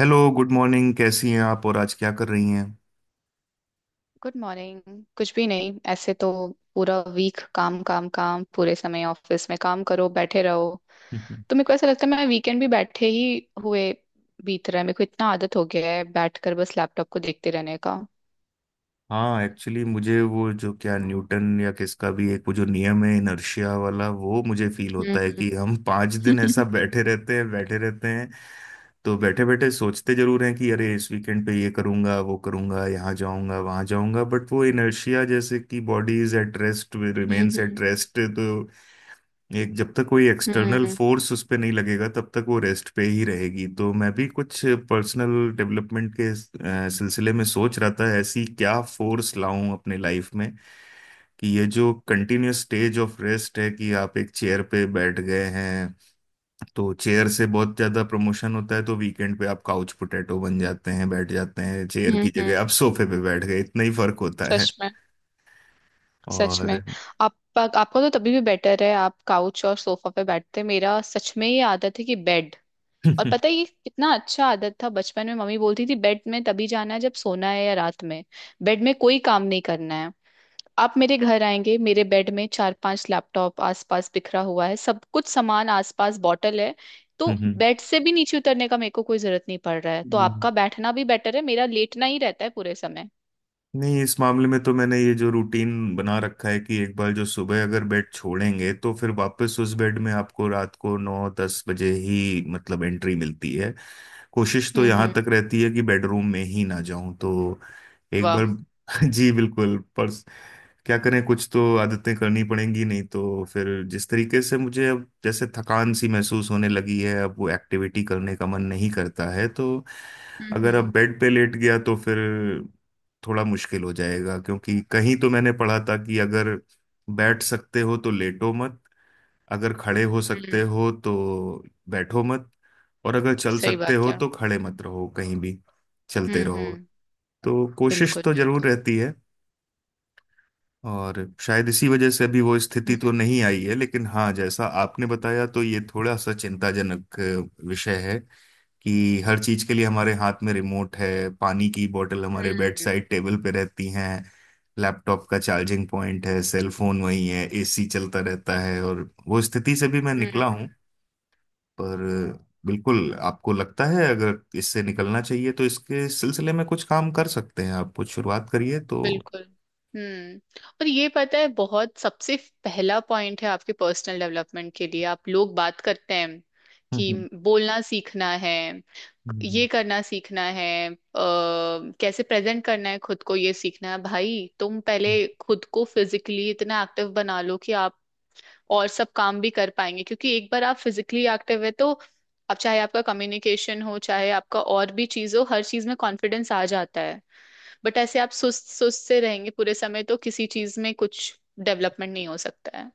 Hello, good morning. कैसी हैं आप और आज क्या कर रही हैं? Good morning. कुछ भी नहीं ऐसे तो। पूरा वीक काम काम काम, पूरे समय ऑफिस में काम करो, बैठे रहो। तो मेरे को ऐसा लगता है मैं वीकेंड भी बैठे ही हुए बीत रहा है। मेरे को इतना आदत हो गया है बैठकर बस लैपटॉप को देखते रहने का। हाँ, एक्चुअली मुझे वो जो क्या न्यूटन या किसका भी एक वो जो नियम है, इनर्शिया वाला, वो मुझे फील होता हम्म। है कि हम पाँच दिन ऐसा बैठे रहते हैं बैठे रहते हैं। तो बैठे बैठे सोचते जरूर हैं कि अरे इस वीकेंड पे ये करूंगा, वो करूंगा, यहाँ जाऊंगा, वहाँ जाऊंगा, बट वो इनर्शिया जैसे कि body is at rest remains at rest. तो एक जब तक कोई एक्सटर्नल हम्म फोर्स उस पे नहीं लगेगा तब तक वो रेस्ट पे ही रहेगी। तो मैं भी कुछ पर्सनल डेवलपमेंट के सिलसिले में सोच रहा था, ऐसी क्या फोर्स लाऊं अपने लाइफ में कि ये जो कंटिन्यूस स्टेज ऑफ रेस्ट है, कि आप एक चेयर पे बैठ गए हैं। तो चेयर से बहुत ज्यादा प्रमोशन होता है, तो वीकेंड पे आप काउच पोटैटो बन जाते हैं, बैठ जाते हैं, चेयर की हम्म। जगह आप सोफे पे बैठ गए, इतना ही फर्क होता है। सच में। सच और में आप, आपका तो तभी भी बेटर है, आप काउच और सोफा पे बैठते हैं। मेरा सच में ये आदत है कि बेड, और पता है ये कितना अच्छा आदत था, बचपन में मम्मी बोलती थी बेड में तभी जाना है जब सोना है या रात में। बेड में कोई काम नहीं करना है। आप मेरे घर आएंगे, मेरे बेड में चार पांच लैपटॉप आसपास बिखरा हुआ है, सब कुछ सामान आसपास, बॉटल है। तो हम्म, बेड से भी नीचे उतरने का मेरे को कोई जरूरत नहीं पड़ रहा है। तो हम्म। आपका बैठना भी बेटर है, मेरा लेटना ही रहता है पूरे समय। नहीं, इस मामले में तो मैंने ये जो रूटीन बना रखा है कि एक बार जो सुबह अगर बेड छोड़ेंगे तो फिर वापस उस बेड में आपको रात को नौ दस बजे ही मतलब एंट्री मिलती है। कोशिश तो यहाँ हम्म। तक रहती है कि बेडरूम में ही ना जाऊं तो एक वाह। बार। जी बिल्कुल। पर क्या करें, कुछ तो आदतें करनी पड़ेंगी, नहीं तो फिर जिस तरीके से मुझे अब जैसे थकान सी महसूस होने लगी है, अब वो एक्टिविटी करने का मन नहीं करता है। तो हम्म अगर अब हम्म बेड पे लेट गया तो फिर थोड़ा मुश्किल हो जाएगा, क्योंकि कहीं तो मैंने पढ़ा था कि अगर बैठ सकते हो तो लेटो मत, अगर खड़े हो सकते हम्म। हो तो बैठो मत, और अगर चल सही सकते बात हो है। तो खड़े मत रहो, कहीं भी चलते रहो। हम्म। तो कोशिश बिल्कुल तो जरूर बिल्कुल। रहती है। और शायद इसी वजह से अभी वो स्थिति तो नहीं हम्म आई है, लेकिन हाँ, जैसा आपने बताया तो ये थोड़ा सा चिंताजनक विषय है कि हर चीज के लिए हमारे हाथ में रिमोट है, पानी की बोतल हमारे बेड हम्म साइड टेबल पे रहती हैं, लैपटॉप का चार्जिंग पॉइंट है, सेल फोन वहीं है, एसी चलता रहता है, और वो स्थिति से भी मैं हम्म। निकला हूँ। पर बिल्कुल, आपको लगता है अगर इससे निकलना चाहिए तो इसके सिलसिले में कुछ काम कर सकते हैं, आप कुछ शुरुआत करिए तो। बिल्कुल। हम्म। और ये पता है, बहुत सबसे पहला पॉइंट है आपके पर्सनल डेवलपमेंट के लिए। आप लोग बात करते हैं कि हम्म, बोलना सीखना है, हम्म, ये करना सीखना है, कैसे प्रेजेंट करना है खुद को, ये सीखना है। भाई तुम पहले हम्म। खुद को फिजिकली इतना एक्टिव बना लो कि आप और सब काम भी कर पाएंगे। क्योंकि एक बार आप फिजिकली एक्टिव है तो अब चाहे आपका कम्युनिकेशन हो, चाहे आपका और भी चीज हो, हर चीज में कॉन्फिडेंस आ जाता है। बट ऐसे आप सुस्त सुस्त से रहेंगे पूरे समय तो किसी चीज में कुछ डेवलपमेंट नहीं हो सकता है।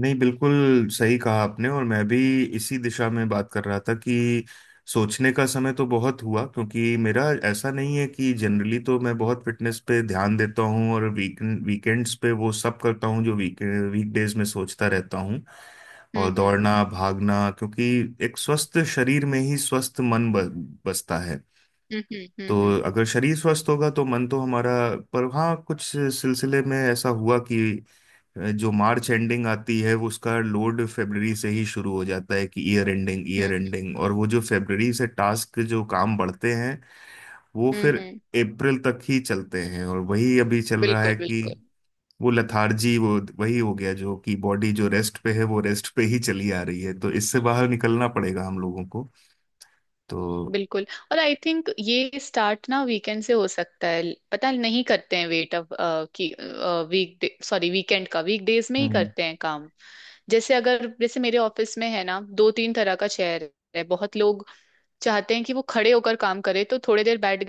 नहीं बिल्कुल सही कहा आपने, और मैं भी इसी दिशा में बात कर रहा था कि सोचने का समय तो बहुत हुआ, क्योंकि मेरा ऐसा नहीं है कि जनरली तो मैं बहुत फिटनेस पे ध्यान देता हूँ, और वीकेंड्स पे वो सब करता हूँ जो वीकडेज में सोचता रहता हूँ, और हम्म दौड़ना भागना, क्योंकि एक स्वस्थ शरीर में ही स्वस्थ मन बसता है। हम्म हम्म तो हम्म अगर शरीर स्वस्थ होगा तो मन तो हमारा। पर हाँ, कुछ सिलसिले में ऐसा हुआ कि जो मार्च एंडिंग आती है वो उसका लोड फरवरी से ही शुरू हो जाता है कि year ending year hmm ending, और वो जो फरवरी से टास्क जो काम बढ़ते हैं वो फिर हम्म। अप्रैल तक ही चलते हैं, और वही अभी चल रहा है बिल्कुल कि बिल्कुल वो लथार्जी, वो वही हो गया जो कि बॉडी जो रेस्ट पे है वो रेस्ट पे ही चली आ रही है। तो इससे बाहर निकलना पड़ेगा हम लोगों को तो। बिल्कुल। और आई थिंक ये स्टार्ट ना वीकेंड से हो सकता है। पता है, नहीं करते हैं वेट, अब कि वीकेंड का वीक डेज में ही हम्म करते हैं काम। जैसे अगर, जैसे मेरे ऑफिस में है ना, दो तीन तरह का चेयर है। बहुत लोग चाहते हैं कि वो खड़े होकर काम करे, तो थोड़ी देर बैठ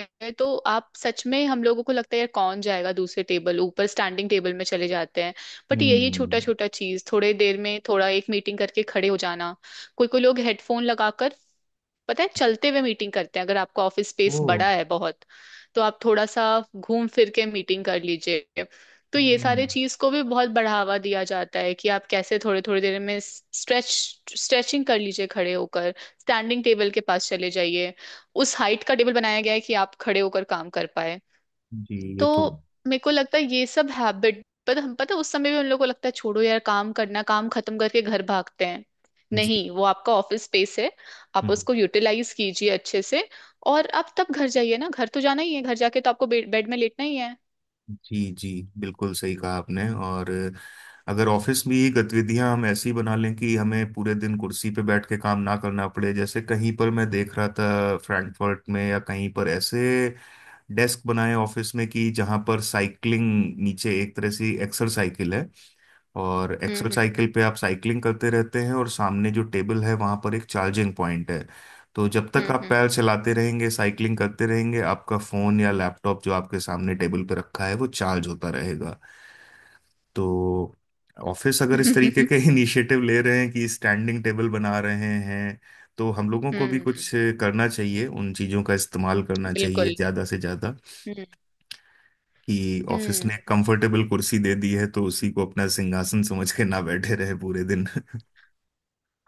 गए तो आप सच में, हम लोगों को लगता है यार कौन जाएगा दूसरे टेबल ऊपर, स्टैंडिंग टेबल में चले जाते हैं। बट यही छोटा हम्म। छोटा चीज, थोड़ी देर में थोड़ा, एक मीटिंग करके खड़े हो जाना। कोई कोई लोग हेडफोन लगाकर, पता है, चलते हुए मीटिंग करते हैं। अगर आपका ऑफिस ओ। स्पेस बड़ा है बहुत तो आप थोड़ा सा घूम फिर के मीटिंग कर लीजिए। तो ये हम्म, सारे चीज को भी बहुत बढ़ावा दिया जाता है कि आप कैसे थोड़े, थोड़ी देर में स्ट्रेचिंग कर लीजिए, खड़े होकर स्टैंडिंग टेबल के पास चले जाइए। उस हाइट का टेबल बनाया गया है कि आप खड़े होकर काम कर पाए। जी। ये तो तो मेरे को लगता है ये सब हैबिट पर, हम पता है, उस समय भी उन लोगों को लगता है छोड़ो यार काम करना, काम खत्म करके घर भागते हैं। जी नहीं, वो आपका ऑफिस स्पेस है, आप उसको यूटिलाइज कीजिए अच्छे से। और आप तब घर जाइए ना, घर तो जाना ही है, घर जाके तो आपको बेड बेड में लेटना ही है। जी। जी बिल्कुल सही कहा आपने, और अगर ऑफिस में ये गतिविधियां हम ऐसी बना लें कि हमें पूरे दिन कुर्सी पे बैठ के काम ना करना पड़े, जैसे कहीं पर मैं देख रहा था फ्रैंकफर्ट में या कहीं पर ऐसे डेस्क बनाए ऑफिस में कि जहां पर साइकिलिंग, नीचे एक तरह से एक्सरसाइकिल है, और हम्म एक्सोसाइकिल पे आप साइकिलिंग करते रहते हैं, और सामने जो टेबल है वहां पर एक चार्जिंग पॉइंट है। तो जब तक हम्म आप हम्म पैर चलाते रहेंगे साइकिलिंग करते रहेंगे, आपका फोन या लैपटॉप जो आपके सामने टेबल पे रखा है वो चार्ज होता रहेगा। तो ऑफिस अगर इस तरीके हम्म। के इनिशिएटिव ले रहे हैं कि स्टैंडिंग टेबल बना रहे हैं, तो हम लोगों को भी कुछ हम्म। करना चाहिए, उन चीज़ों का इस्तेमाल करना चाहिए बिल्कुल। ज़्यादा से ज़्यादा, हम्म कि ऑफिस हम्म। ने कंफर्टेबल कुर्सी दे दी है तो उसी को अपना सिंहासन समझ के ना बैठे रहे पूरे दिन।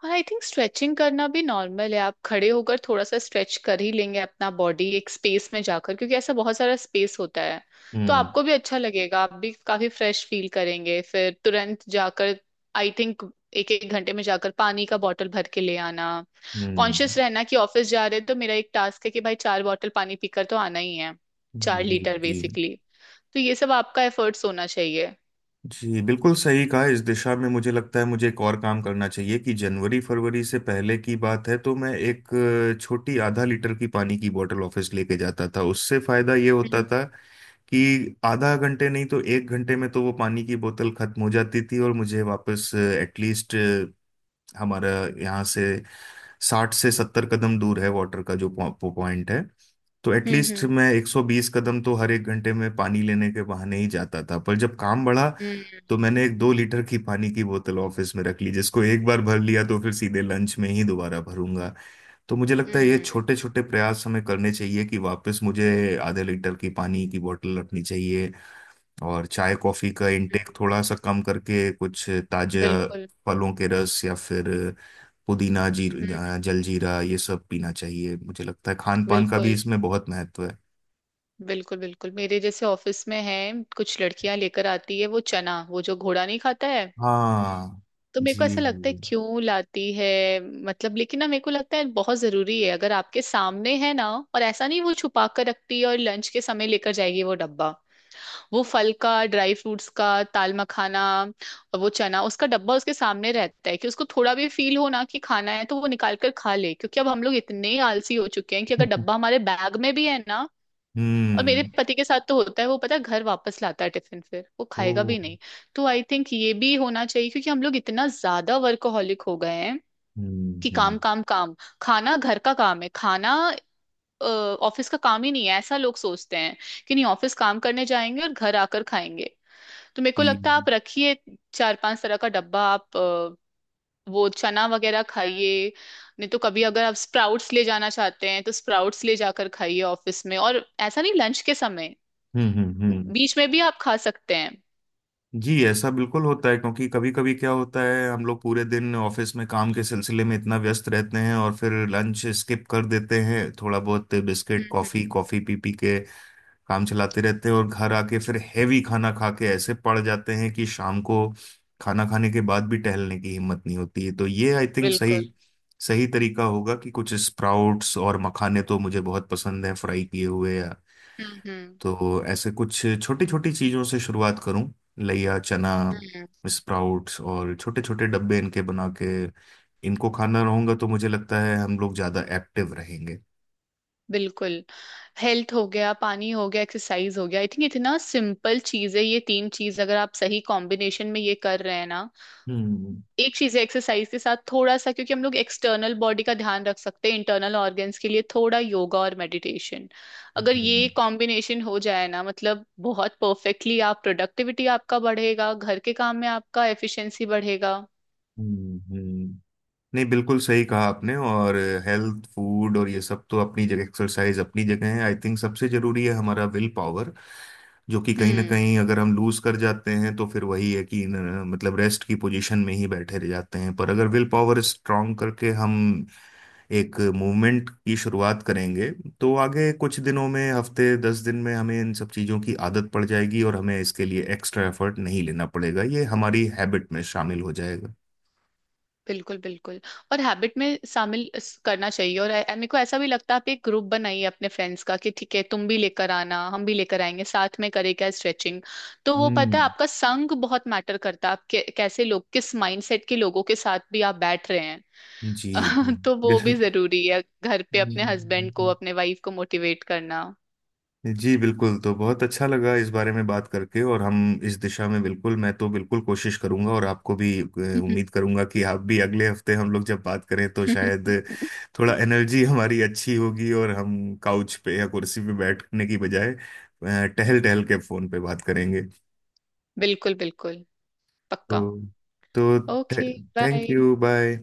और आई थिंक स्ट्रेचिंग करना भी नॉर्मल है, आप खड़े होकर थोड़ा सा स्ट्रेच कर ही लेंगे अपना बॉडी एक स्पेस में जाकर, क्योंकि ऐसा बहुत सारा स्पेस होता है। तो हम्म आपको भी अच्छा लगेगा, आप भी काफी फ्रेश फील करेंगे। फिर तुरंत जाकर, आई थिंक, एक एक घंटे में जाकर पानी का बॉटल भर के ले आना। हम्म। कॉन्शियस रहना कि ऑफिस जा रहे हैं तो मेरा एक टास्क है कि भाई चार बॉटल पानी पीकर तो आना ही है। चार जी लीटर जी। बेसिकली। तो ये सब आपका एफर्ट्स होना चाहिए। जी बिल्कुल सही कहा। इस दिशा में मुझे लगता है मुझे एक और काम करना चाहिए कि जनवरी फरवरी से पहले की बात है तो मैं एक छोटी आधा लीटर की पानी की बोतल ऑफिस लेके जाता था, उससे फायदा ये होता हम्म था कि आधा घंटे नहीं तो एक घंटे में तो वो पानी की बोतल खत्म हो जाती थी, और मुझे वापस एटलीस्ट हमारा यहाँ से साठ से सत्तर कदम दूर है वाटर का जो पॉइंट है, तो हम्म एटलीस्ट हम्म मैं 120 कदम तो हर एक घंटे में पानी लेने के बहाने ही जाता था। पर जब काम बढ़ा हम्म तो मैंने एक दो लीटर की पानी की बोतल ऑफिस में रख ली, जिसको एक बार भर लिया तो फिर सीधे लंच में ही दोबारा भरूंगा। तो मुझे लगता है ये हम्म, छोटे छोटे प्रयास हमें करने चाहिए कि वापस मुझे आधे लीटर की पानी की बोतल रखनी चाहिए, और चाय कॉफी का हम्म, इनटेक थोड़ा सा कम करके कुछ ताजा बिल्कुल। फलों के रस, या फिर पुदीना जी हम्म। जलजीरा, ये सब पीना चाहिए। मुझे लगता है खान पान का भी बिल्कुल इसमें बहुत महत्व है। बिल्कुल बिल्कुल। मेरे जैसे ऑफिस में है, कुछ लड़कियां लेकर आती है वो चना, वो जो घोड़ा नहीं खाता है। हाँ तो मेरे को जी। ऐसा लगता है क्यों लाती है, मतलब। लेकिन ना, मेरे को लगता है बहुत जरूरी है अगर आपके सामने है ना। और ऐसा नहीं वो छुपा कर रखती है और लंच के समय लेकर जाएगी वो डब्बा। वो फल का, ड्राई फ्रूट्स का, ताल मखाना और वो चना, उसका डब्बा उसके सामने रहता है कि उसको थोड़ा भी फील हो ना कि खाना है तो वो निकाल कर खा ले। क्योंकि अब हम लोग इतने आलसी हो चुके हैं कि अगर डब्बा हमारे बैग में भी है ना। और मेरे हम्म। पति के साथ तो होता है, वो पता है घर वापस लाता है टिफिन, फिर वो ओ। खाएगा भी नहीं। तो आई थिंक ये भी होना चाहिए क्योंकि हम लोग इतना ज्यादा वर्कोहॉलिक हो गए हैं कि काम हम्म। काम काम। खाना घर का काम है, खाना ऑफिस का काम ही नहीं है, ऐसा लोग सोचते हैं कि नहीं, ऑफिस काम करने जाएंगे और घर आकर खाएंगे। तो मेरे को लगता है ई- आप रखिए चार पांच तरह का डब्बा, आप वो चना वगैरह खाइए। नहीं तो कभी अगर आप स्प्राउट्स ले जाना चाहते हैं तो स्प्राउट्स ले जाकर खाइए ऑफिस में, और ऐसा नहीं लंच के समय, हम्म हम्म हम्म। बीच में भी आप खा सकते हैं। जी ऐसा बिल्कुल होता है क्योंकि कभी कभी क्या होता है हम लोग पूरे दिन ऑफिस में काम के सिलसिले में इतना व्यस्त रहते हैं और फिर लंच स्किप कर देते हैं, थोड़ा बहुत बिस्किट कॉफी हम्म। कॉफी पी पी के काम चलाते रहते हैं, और घर आके फिर हैवी खाना खा के ऐसे पड़ जाते हैं कि शाम को खाना खाने के बाद भी टहलने की हिम्मत नहीं होती है। तो ये आई थिंक सही बिल्कुल। सही तरीका होगा कि कुछ स्प्राउट्स, और मखाने तो मुझे बहुत पसंद हैं फ्राई किए हुए, या हम्म हम्म तो ऐसे कुछ छोटी छोटी चीजों से शुरुआत करूं, लइया चना, हम्म। स्प्राउट्स, और छोटे छोटे डब्बे इनके बना के इनको खाना रहूंगा तो मुझे लगता है हम लोग ज्यादा एक्टिव रहेंगे। बिल्कुल। हेल्थ हो गया, पानी हो गया, एक्सरसाइज हो गया, आई थिंक इतना सिंपल चीज है। ये तीन चीज अगर आप सही कॉम्बिनेशन में ये कर रहे हैं ना। हम्म। एक चीज है, एक्सरसाइज के साथ थोड़ा सा, क्योंकि हम लोग एक्सटर्नल बॉडी का ध्यान रख सकते हैं, इंटरनल ऑर्गन्स के लिए थोड़ा योगा और मेडिटेशन। अगर ये जी। कॉम्बिनेशन हो जाए ना, मतलब बहुत परफेक्टली आप, प्रोडक्टिविटी आपका बढ़ेगा, घर के काम में आपका एफिशिएंसी बढ़ेगा। हम्म। नहीं बिल्कुल सही कहा आपने, और हेल्थ फूड और ये सब तो अपनी जगह, एक्सरसाइज अपनी जगह है। आई थिंक सबसे जरूरी है हमारा विल पावर, जो कि कहीं ना हम्म। कहीं अगर हम लूज कर जाते हैं तो फिर वही है कि मतलब रेस्ट की पोजीशन में ही बैठे रह जाते हैं, पर अगर विल पावर स्ट्रांग करके हम एक मूवमेंट की शुरुआत करेंगे तो आगे कुछ दिनों में, हफ्ते दस दिन में, हमें इन सब चीज़ों की आदत पड़ जाएगी और हमें इसके लिए एक्स्ट्रा एफर्ट नहीं लेना पड़ेगा, ये हमारी हैबिट में शामिल हो जाएगा। बिल्कुल बिल्कुल। और हैबिट में शामिल करना चाहिए। और मेरे को ऐसा भी लगता है आप एक ग्रुप बनाइए अपने फ्रेंड्स का कि ठीक है तुम भी लेकर आना हम भी लेकर आएंगे, साथ में करें क्या स्ट्रेचिंग। तो वो पता है, हम्म। आपका संग बहुत मैटर करता है, आप कैसे लोग, किस माइंडसेट के लोगों के साथ भी आप बैठ रहे हैं। जी जी। तो वो भी बिल्कुल। जरूरी है, घर पे अपने हस्बैंड को, अपने वाइफ को मोटिवेट करना। जी बिल्कुल। तो बहुत अच्छा लगा इस बारे में बात करके, और हम इस दिशा में बिल्कुल, मैं तो बिल्कुल कोशिश करूंगा, और आपको भी उम्मीद करूंगा कि आप भी अगले हफ्ते हम लोग जब बात करें तो शायद थोड़ा एनर्जी हमारी अच्छी होगी, और हम काउच पे या कुर्सी पे बैठने की बजाय टहल टहल के फोन पे बात करेंगे। बिल्कुल बिल्कुल। पक्का। तो तो okay. Thank bye. You, bye.